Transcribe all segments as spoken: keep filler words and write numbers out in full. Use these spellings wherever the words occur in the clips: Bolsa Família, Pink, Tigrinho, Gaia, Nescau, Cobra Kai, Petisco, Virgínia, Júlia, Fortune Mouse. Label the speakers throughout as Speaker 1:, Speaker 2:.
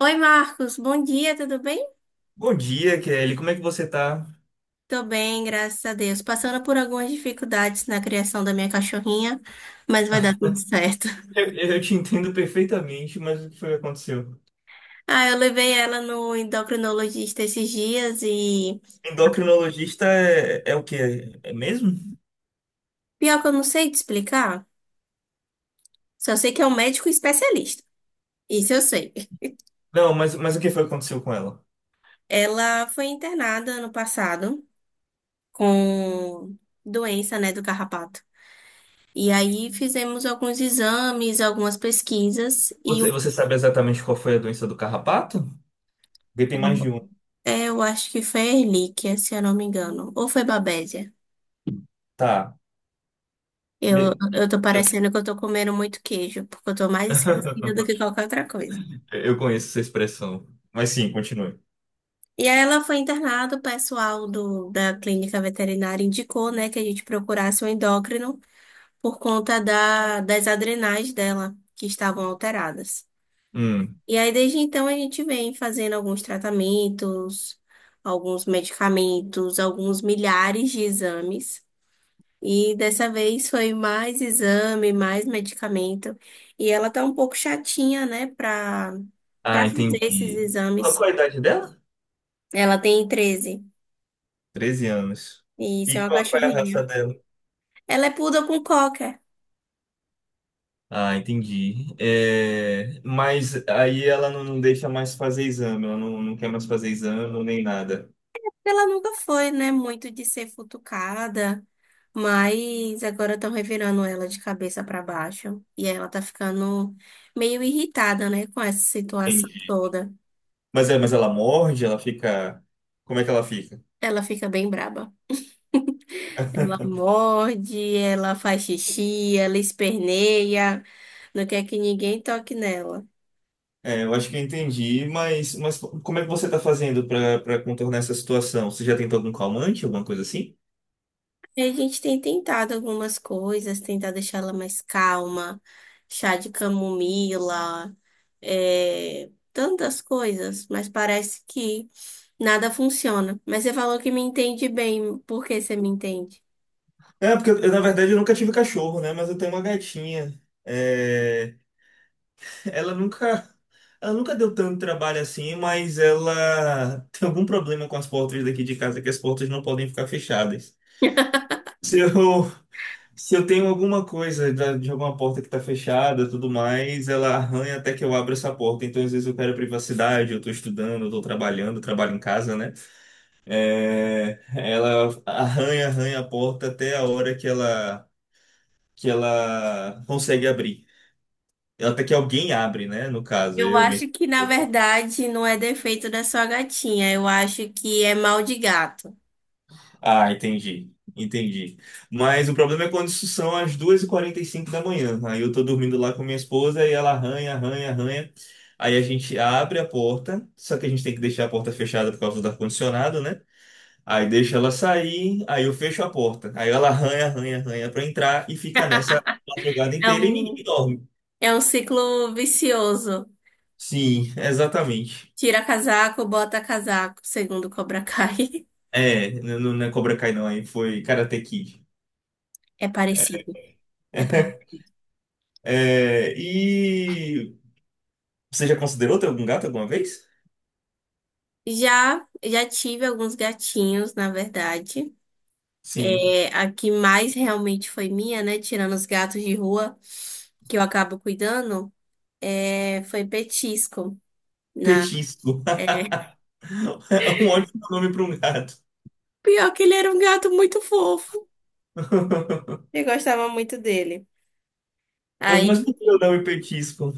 Speaker 1: Oi, Marcos, bom dia, tudo bem?
Speaker 2: Bom dia, Kelly. Como é que você tá?
Speaker 1: Tô bem, graças a Deus. Passando por algumas dificuldades na criação da minha cachorrinha, mas vai dar tudo certo.
Speaker 2: Eu, eu te entendo perfeitamente, mas o que foi que aconteceu?
Speaker 1: Ah, eu levei ela no endocrinologista esses dias e
Speaker 2: Endocrinologista é, é o quê? É mesmo?
Speaker 1: pior que eu não sei te explicar, só sei que é um médico especialista. Isso eu sei.
Speaker 2: Não, mas, mas o que foi que aconteceu com ela?
Speaker 1: Ela foi internada ano passado com doença, né, do carrapato. E aí fizemos alguns exames, algumas pesquisas e
Speaker 2: Você, você sabe exatamente qual foi a doença do carrapato? Porque tem mais
Speaker 1: o
Speaker 2: de um.
Speaker 1: É, eu acho que foi Relíquia, se eu não me engano. Ou foi Babésia.
Speaker 2: Tá.
Speaker 1: Eu,
Speaker 2: Be-
Speaker 1: eu tô parecendo que eu tô comendo muito queijo, porque eu tô mais esquecida do que qualquer outra coisa.
Speaker 2: Eu conheço essa expressão. Mas sim, continue.
Speaker 1: E aí ela foi internada, o pessoal do, da clínica veterinária indicou, né, que a gente procurasse um endócrino por conta da, das adrenais dela, que estavam alteradas.
Speaker 2: Hum.
Speaker 1: E aí, desde então, a gente vem fazendo alguns tratamentos, alguns medicamentos, alguns milhares de exames. E dessa vez foi mais exame, mais medicamento. E ela tá um pouco chatinha, né, pra, pra
Speaker 2: Ah,
Speaker 1: fazer esses
Speaker 2: entendi. Qual,
Speaker 1: exames.
Speaker 2: qual a idade dela?
Speaker 1: Ela tem treze.
Speaker 2: Treze anos.
Speaker 1: E isso é
Speaker 2: E
Speaker 1: uma
Speaker 2: qual, qual é a
Speaker 1: cachorrinha.
Speaker 2: raça dela?
Speaker 1: Ela é poodle com cocker.
Speaker 2: Ah, entendi. É, mas aí ela não não deixa mais fazer exame, ela não, não quer mais fazer exame nem nada.
Speaker 1: Ela nunca foi, né, muito de ser futucada, mas agora estão revirando ela de cabeça pra baixo. E ela tá ficando meio irritada, né, com essa situação
Speaker 2: Entendi.
Speaker 1: toda.
Speaker 2: Mas é, mas ela morde, ela fica. Como é que ela fica?
Speaker 1: Ela fica bem braba. Ela morde, ela faz xixi, ela esperneia, não quer que ninguém toque nela.
Speaker 2: É, eu acho que eu entendi, mas, mas como é que você está fazendo para para contornar essa situação? Você já tentou algum calmante, alguma coisa assim?
Speaker 1: Aí a gente tem tentado algumas coisas, tentar deixar ela mais calma, chá de camomila, é, tantas coisas, mas parece que nada funciona. Mas você falou que me entende bem, por que você me entende?
Speaker 2: É, porque eu, eu, na verdade eu nunca tive cachorro, né? Mas eu tenho uma gatinha. É, Ela nunca, ela nunca deu tanto trabalho assim, mas ela tem algum problema com as portas daqui de casa, que as portas não podem ficar fechadas. Se eu, se eu tenho alguma coisa da- de alguma porta que está fechada, tudo mais, ela arranha até que eu abra essa porta. Então, às vezes eu quero privacidade, eu estou estudando, eu estou trabalhando, trabalho em casa, né? É, ela arranha, arranha a porta até a hora que ela, que ela consegue abrir. Até que alguém abre, né? No caso,
Speaker 1: Eu
Speaker 2: eu, minha
Speaker 1: acho que, na
Speaker 2: esposa.
Speaker 1: verdade, não é defeito da sua gatinha, eu acho que é mal de gato.
Speaker 2: Ah, entendi. Entendi. Mas o problema é quando isso são as duas e quarenta e cinco da manhã. Aí eu tô dormindo lá com minha esposa e ela arranha, arranha, arranha. Aí a gente abre a porta, só que a gente tem que deixar a porta fechada por causa do ar-condicionado, né? Aí deixa ela sair, aí eu fecho a porta. Aí ela arranha, arranha, arranha pra entrar e fica nessa a madrugada
Speaker 1: É
Speaker 2: inteira e ninguém
Speaker 1: um
Speaker 2: dorme.
Speaker 1: É um ciclo vicioso.
Speaker 2: Sim, exatamente.
Speaker 1: Tira casaco, bota casaco, segundo Cobra Kai.
Speaker 2: É, n- n- não é Cobra Kai não, aí foi Karate Kid.
Speaker 1: É parecido. É parecido.
Speaker 2: É, e você já considerou ter algum gato alguma vez?
Speaker 1: Já, já tive alguns gatinhos, na verdade.
Speaker 2: Sim.
Speaker 1: É, a que mais realmente foi minha, né? Tirando os gatos de rua, que eu acabo cuidando, é, foi Petisco. Na,
Speaker 2: Petisco.
Speaker 1: é,
Speaker 2: É um ótimo nome para um gato.
Speaker 1: pior que ele era um gato muito fofo. Eu gostava muito dele.
Speaker 2: Mas, mas por
Speaker 1: Aí,
Speaker 2: que o nome Petisco?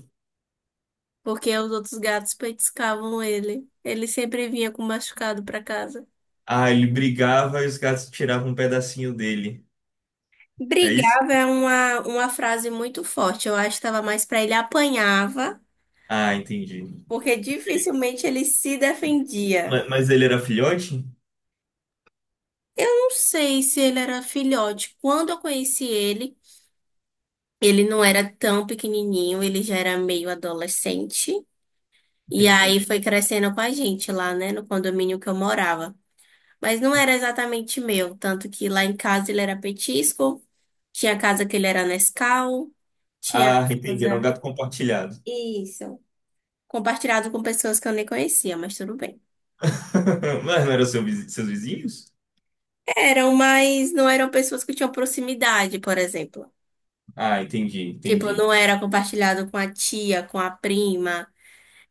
Speaker 1: porque os outros gatos petiscavam ele. Ele sempre vinha com machucado pra casa.
Speaker 2: Ah, ele brigava e os gatos tiravam um pedacinho dele. É isso?
Speaker 1: Brigava é uma, uma frase muito forte. Eu acho que estava mais para ele apanhava,
Speaker 2: Ah, entendi.
Speaker 1: porque dificilmente ele se defendia.
Speaker 2: Ma- Mas, ele era filhote?
Speaker 1: Eu não sei se ele era filhote. Quando eu conheci ele, ele não era tão pequenininho, ele já era meio adolescente. E aí
Speaker 2: Entendi.
Speaker 1: foi crescendo com a gente lá, né, no condomínio que eu morava. Mas não era exatamente meu, tanto que lá em casa ele era petisco, tinha casa que ele era Nescau, tinha
Speaker 2: Ah, entendi. Era um
Speaker 1: casa.
Speaker 2: gato compartilhado.
Speaker 1: Isso. Compartilhado com pessoas que eu nem conhecia, mas tudo bem.
Speaker 2: Mas não eram seu vizi- seus vizinhos?
Speaker 1: Eram, mas não eram pessoas que tinham proximidade, por exemplo.
Speaker 2: Ah, entendi,
Speaker 1: Tipo,
Speaker 2: entendi.
Speaker 1: não era compartilhado com a tia, com a prima,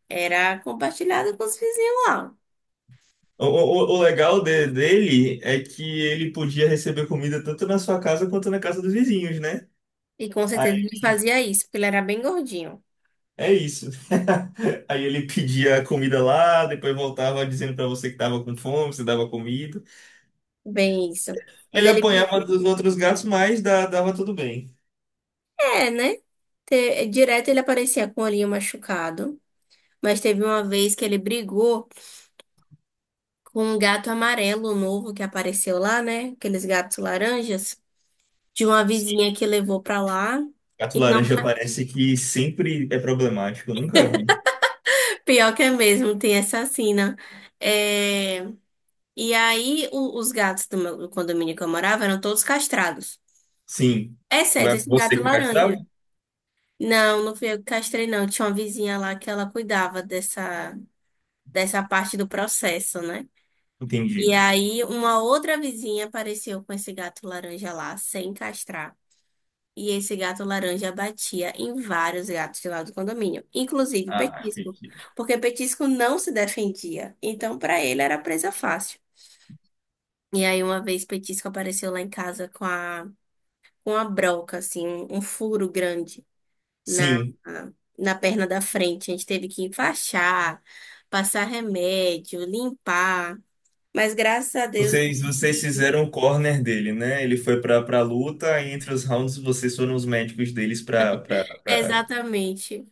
Speaker 1: era compartilhado com os vizinhos lá.
Speaker 2: O, o, o legal de- dele é que ele podia receber comida tanto na sua casa quanto na casa dos vizinhos, né?
Speaker 1: E com certeza
Speaker 2: Aí
Speaker 1: ele fazia isso, porque ele era bem gordinho.
Speaker 2: é isso. Aí ele pedia comida lá, depois voltava dizendo pra você que tava com fome, você dava comida.
Speaker 1: Bem isso. Mas
Speaker 2: Ele
Speaker 1: ele,
Speaker 2: apanhava dos outros gatos, mas da- dava tudo bem.
Speaker 1: é, né? Te- Direto ele aparecia com o olhinho machucado, mas teve uma vez que ele brigou com um gato amarelo novo que apareceu lá, né? Aqueles gatos laranjas de uma vizinha
Speaker 2: Sim,
Speaker 1: que levou pra lá.
Speaker 2: gato
Speaker 1: E não,
Speaker 2: laranja parece que sempre é problemático, eu nunca vi.
Speaker 1: pior que é mesmo, tem essa sina. É, E aí, o- os gatos do, meu- do condomínio que eu morava eram todos castrados,
Speaker 2: Sim.
Speaker 1: exceto
Speaker 2: Vai-
Speaker 1: esse
Speaker 2: Você
Speaker 1: gato
Speaker 2: que castrava?
Speaker 1: laranja. Não, não fui eu que castrei, não. Tinha uma vizinha lá que ela cuidava dessa, dessa parte do processo, né? E
Speaker 2: Entendi.
Speaker 1: aí, uma outra vizinha apareceu com esse gato laranja lá, sem castrar. E esse gato laranja batia em vários gatos lá do condomínio, inclusive
Speaker 2: Ah,
Speaker 1: Petisco,
Speaker 2: entendi.
Speaker 1: porque Petisco não se defendia, então para ele era presa fácil. E aí uma vez Petisco apareceu lá em casa com a com a broca assim, um, um furo grande na
Speaker 2: Sim.
Speaker 1: na perna da frente. A gente teve que enfaixar, passar remédio, limpar, mas graças a Deus.
Speaker 2: Vocês, vocês fizeram o corner dele, né? Ele foi pra para luta, e entre os rounds vocês foram os médicos deles pra pra pra-
Speaker 1: Exatamente.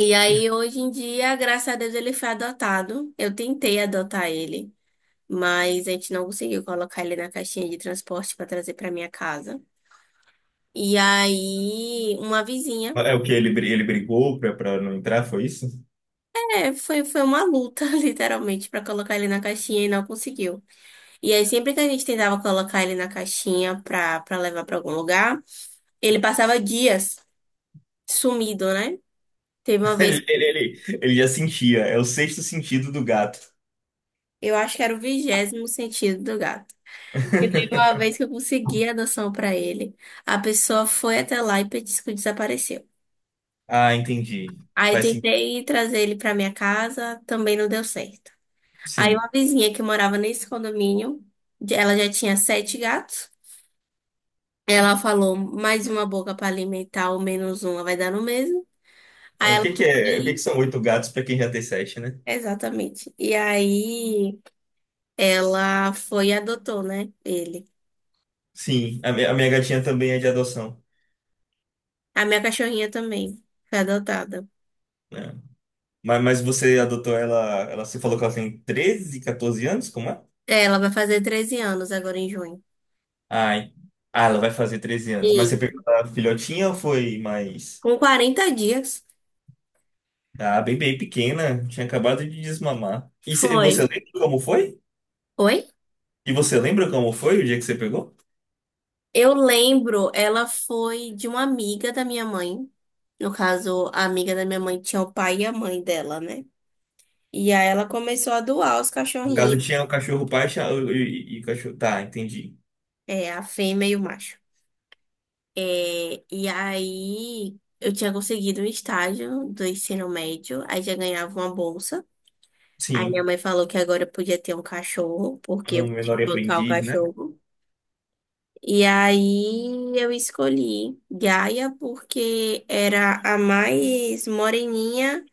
Speaker 1: E aí, hoje em dia, graças a Deus, ele foi adotado. Eu tentei adotar ele, mas a gente não conseguiu colocar ele na caixinha de transporte para trazer para minha casa. E aí, uma vizinha,
Speaker 2: É o que ele, bri- ele brigou pra pra não entrar, foi isso?
Speaker 1: é, foi, foi uma luta, literalmente, para colocar ele na caixinha e não conseguiu. E aí, sempre que a gente tentava colocar ele na caixinha para para levar para algum lugar, ele passava dias sumido, né? Teve uma vez,
Speaker 2: Ele, ele, ele ele já sentia, é o sexto sentido do gato.
Speaker 1: eu acho que era o vigésimo sentido do gato. E teve uma vez que eu consegui a adoção pra ele. A pessoa foi até lá e disse que desapareceu.
Speaker 2: Ah, entendi.
Speaker 1: Aí
Speaker 2: Faz sim,
Speaker 1: tentei trazer ele pra minha casa, também não deu certo. Aí
Speaker 2: sim.
Speaker 1: uma vizinha que morava nesse condomínio, de- ela já tinha sete gatos. Ela falou, mais uma boca pra alimentar ou menos uma vai dar no mesmo. Aí
Speaker 2: É, o
Speaker 1: ela
Speaker 2: que que é, o que que
Speaker 1: foi,
Speaker 2: são oito gatos pra quem já tem sete, né?
Speaker 1: exatamente. E aí ela foi e adotou, né? Ele.
Speaker 2: Sim, a, mi- a minha gatinha também é de adoção,
Speaker 1: A minha cachorrinha também foi adotada.
Speaker 2: né? Mas, mas você adotou ela, ela, você falou que ela tem treze, quatorze anos, como é?
Speaker 1: Ela vai fazer treze anos agora em junho.
Speaker 2: Ai. Ah, ela vai fazer treze anos. Mas você
Speaker 1: E
Speaker 2: pegou a filhotinha ou foi mais.
Speaker 1: com quarenta dias
Speaker 2: Ah, bem, bem pequena. Tinha acabado de desmamar. E cê- você
Speaker 1: foi.
Speaker 2: lembra como foi?
Speaker 1: Oi?
Speaker 2: E você lembra como foi o dia que você pegou?
Speaker 1: Eu lembro, ela foi de uma amiga da minha mãe. No caso, a amiga da minha mãe tinha o pai e a mãe dela, né? E aí ela começou a doar os
Speaker 2: No caso,
Speaker 1: cachorrinhos,
Speaker 2: tinha o cachorro pai cha- e, e- e o cachorro. Tá, entendi.
Speaker 1: é, a fêmea e o macho. É, e aí eu tinha conseguido um estágio do ensino médio, aí já ganhava uma bolsa. Aí minha
Speaker 2: Sim.
Speaker 1: mãe falou que agora eu podia ter um cachorro, porque eu
Speaker 2: Um
Speaker 1: podia
Speaker 2: menor
Speaker 1: bancar o
Speaker 2: aprendiz, né?
Speaker 1: cachorro. E aí eu escolhi Gaia porque era a mais moreninha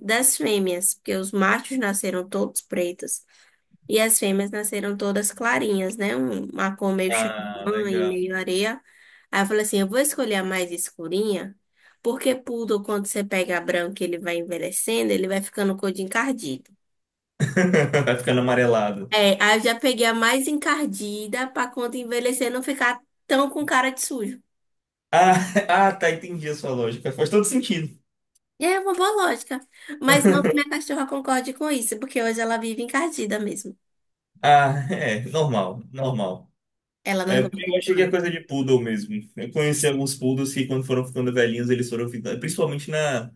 Speaker 1: das fêmeas, porque os machos nasceram todos pretos e as fêmeas nasceram todas clarinhas, né? Um- Uma cor meio
Speaker 2: Ah,
Speaker 1: champanhe, e
Speaker 2: legal.
Speaker 1: meio areia. Aí eu falei assim, eu vou escolher a mais escurinha, porque poodle, quando você pega branco, e ele vai envelhecendo, ele vai ficando cor de encardido.
Speaker 2: Vai ficando amarelado.
Speaker 1: É, aí eu já peguei a mais encardida para quando envelhecer não ficar tão com cara de sujo.
Speaker 2: Ah, ah, tá, entendi a sua lógica. Faz todo sentido.
Speaker 1: É uma boa lógica. Mas não que minha cachorra concorde com isso, porque hoje ela vive encardida mesmo.
Speaker 2: Ah, é, normal, normal.
Speaker 1: Ela
Speaker 2: É,
Speaker 1: não gosta
Speaker 2: eu
Speaker 1: de
Speaker 2: achei que é
Speaker 1: banho.
Speaker 2: coisa de poodle mesmo. Eu conheci alguns poodles que, quando foram ficando velhinhos, eles foram ficando. Principalmente na,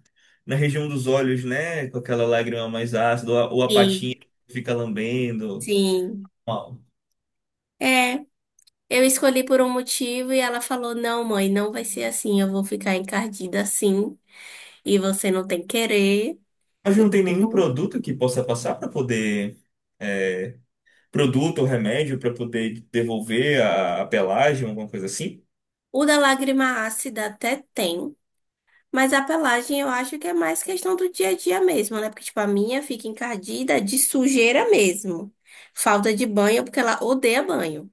Speaker 2: na região dos olhos, né? Com aquela lágrima mais ácida, ou a, ou a
Speaker 1: Sim,
Speaker 2: patinha que fica lambendo.
Speaker 1: sim.
Speaker 2: Uau.
Speaker 1: É, eu escolhi por um motivo e ela falou: não, mãe, não vai ser assim. Eu vou ficar encardida assim e você não tem querer.
Speaker 2: Mas não tem nenhum produto que possa passar para poder. É, produto ou remédio para poder devolver a, a pelagem, alguma coisa assim?
Speaker 1: O da lágrima ácida até tem, mas a pelagem eu acho que é mais questão do dia a dia mesmo, né? Porque, tipo, a minha fica encardida de sujeira mesmo. Falta de banho, porque ela odeia banho.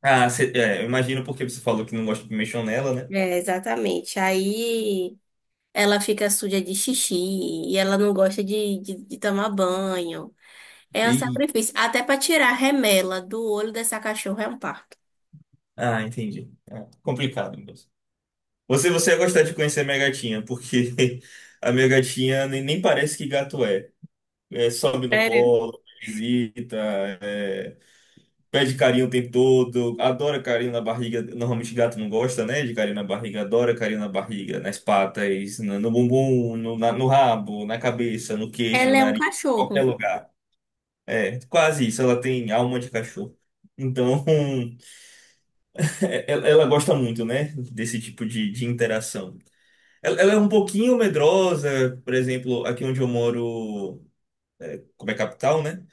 Speaker 2: Ah, cê, é, eu imagino porque você falou que não gosta de mexer nela, né?
Speaker 1: É, exatamente. Aí ela fica suja de xixi e ela não gosta de, de, de tomar banho. É um
Speaker 2: E,
Speaker 1: sacrifício. Até para tirar a remela do olho dessa cachorra é um parto.
Speaker 2: ah, entendi. Complicado, meu. Você, você ia gostar de conhecer a minha gatinha, porque a minha gatinha nem, nem parece que gato é. É, sobe no
Speaker 1: Sério?
Speaker 2: colo, visita, pede carinho o tempo todo, adora carinho na barriga. Normalmente gato não gosta, né, de carinho na barriga, adora carinho na barriga, nas patas, no, no bumbum, no, na- no rabo, na cabeça, no queixo, no
Speaker 1: Ela é um
Speaker 2: nariz, em qualquer
Speaker 1: cachorro.
Speaker 2: lugar. É, quase isso, ela tem alma de cachorro. Então, é- ela ela gosta muito, né, desse tipo de de interação. Ela, ela é um pouquinho medrosa, por exemplo, aqui onde eu moro, é, como é capital, né?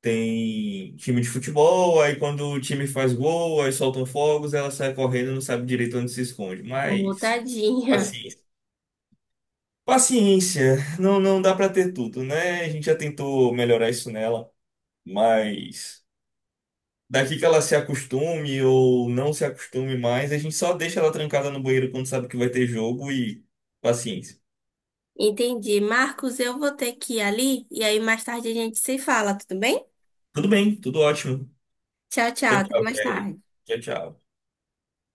Speaker 2: Tem time de futebol, aí quando o time faz gol, aí soltam fogos, ela sai correndo, e não sabe direito onde se esconde.
Speaker 1: Ô,
Speaker 2: Mas,
Speaker 1: tadinha.
Speaker 2: paciência. Paciência, não, não dá pra ter tudo, né? A gente já tentou melhorar isso nela, mas daqui que ela se acostume ou não se acostume mais, a gente só deixa ela trancada no banheiro quando sabe que vai ter jogo e paciência.
Speaker 1: Entendi. Marcos, eu vou ter que ir ali e aí mais tarde a gente se fala, tudo bem?
Speaker 2: Tudo bem, tudo ótimo.
Speaker 1: Tchau, tchau.
Speaker 2: Tchau,
Speaker 1: Até
Speaker 2: tchau,
Speaker 1: mais
Speaker 2: Kelly.
Speaker 1: tarde.
Speaker 2: Tchau, tchau.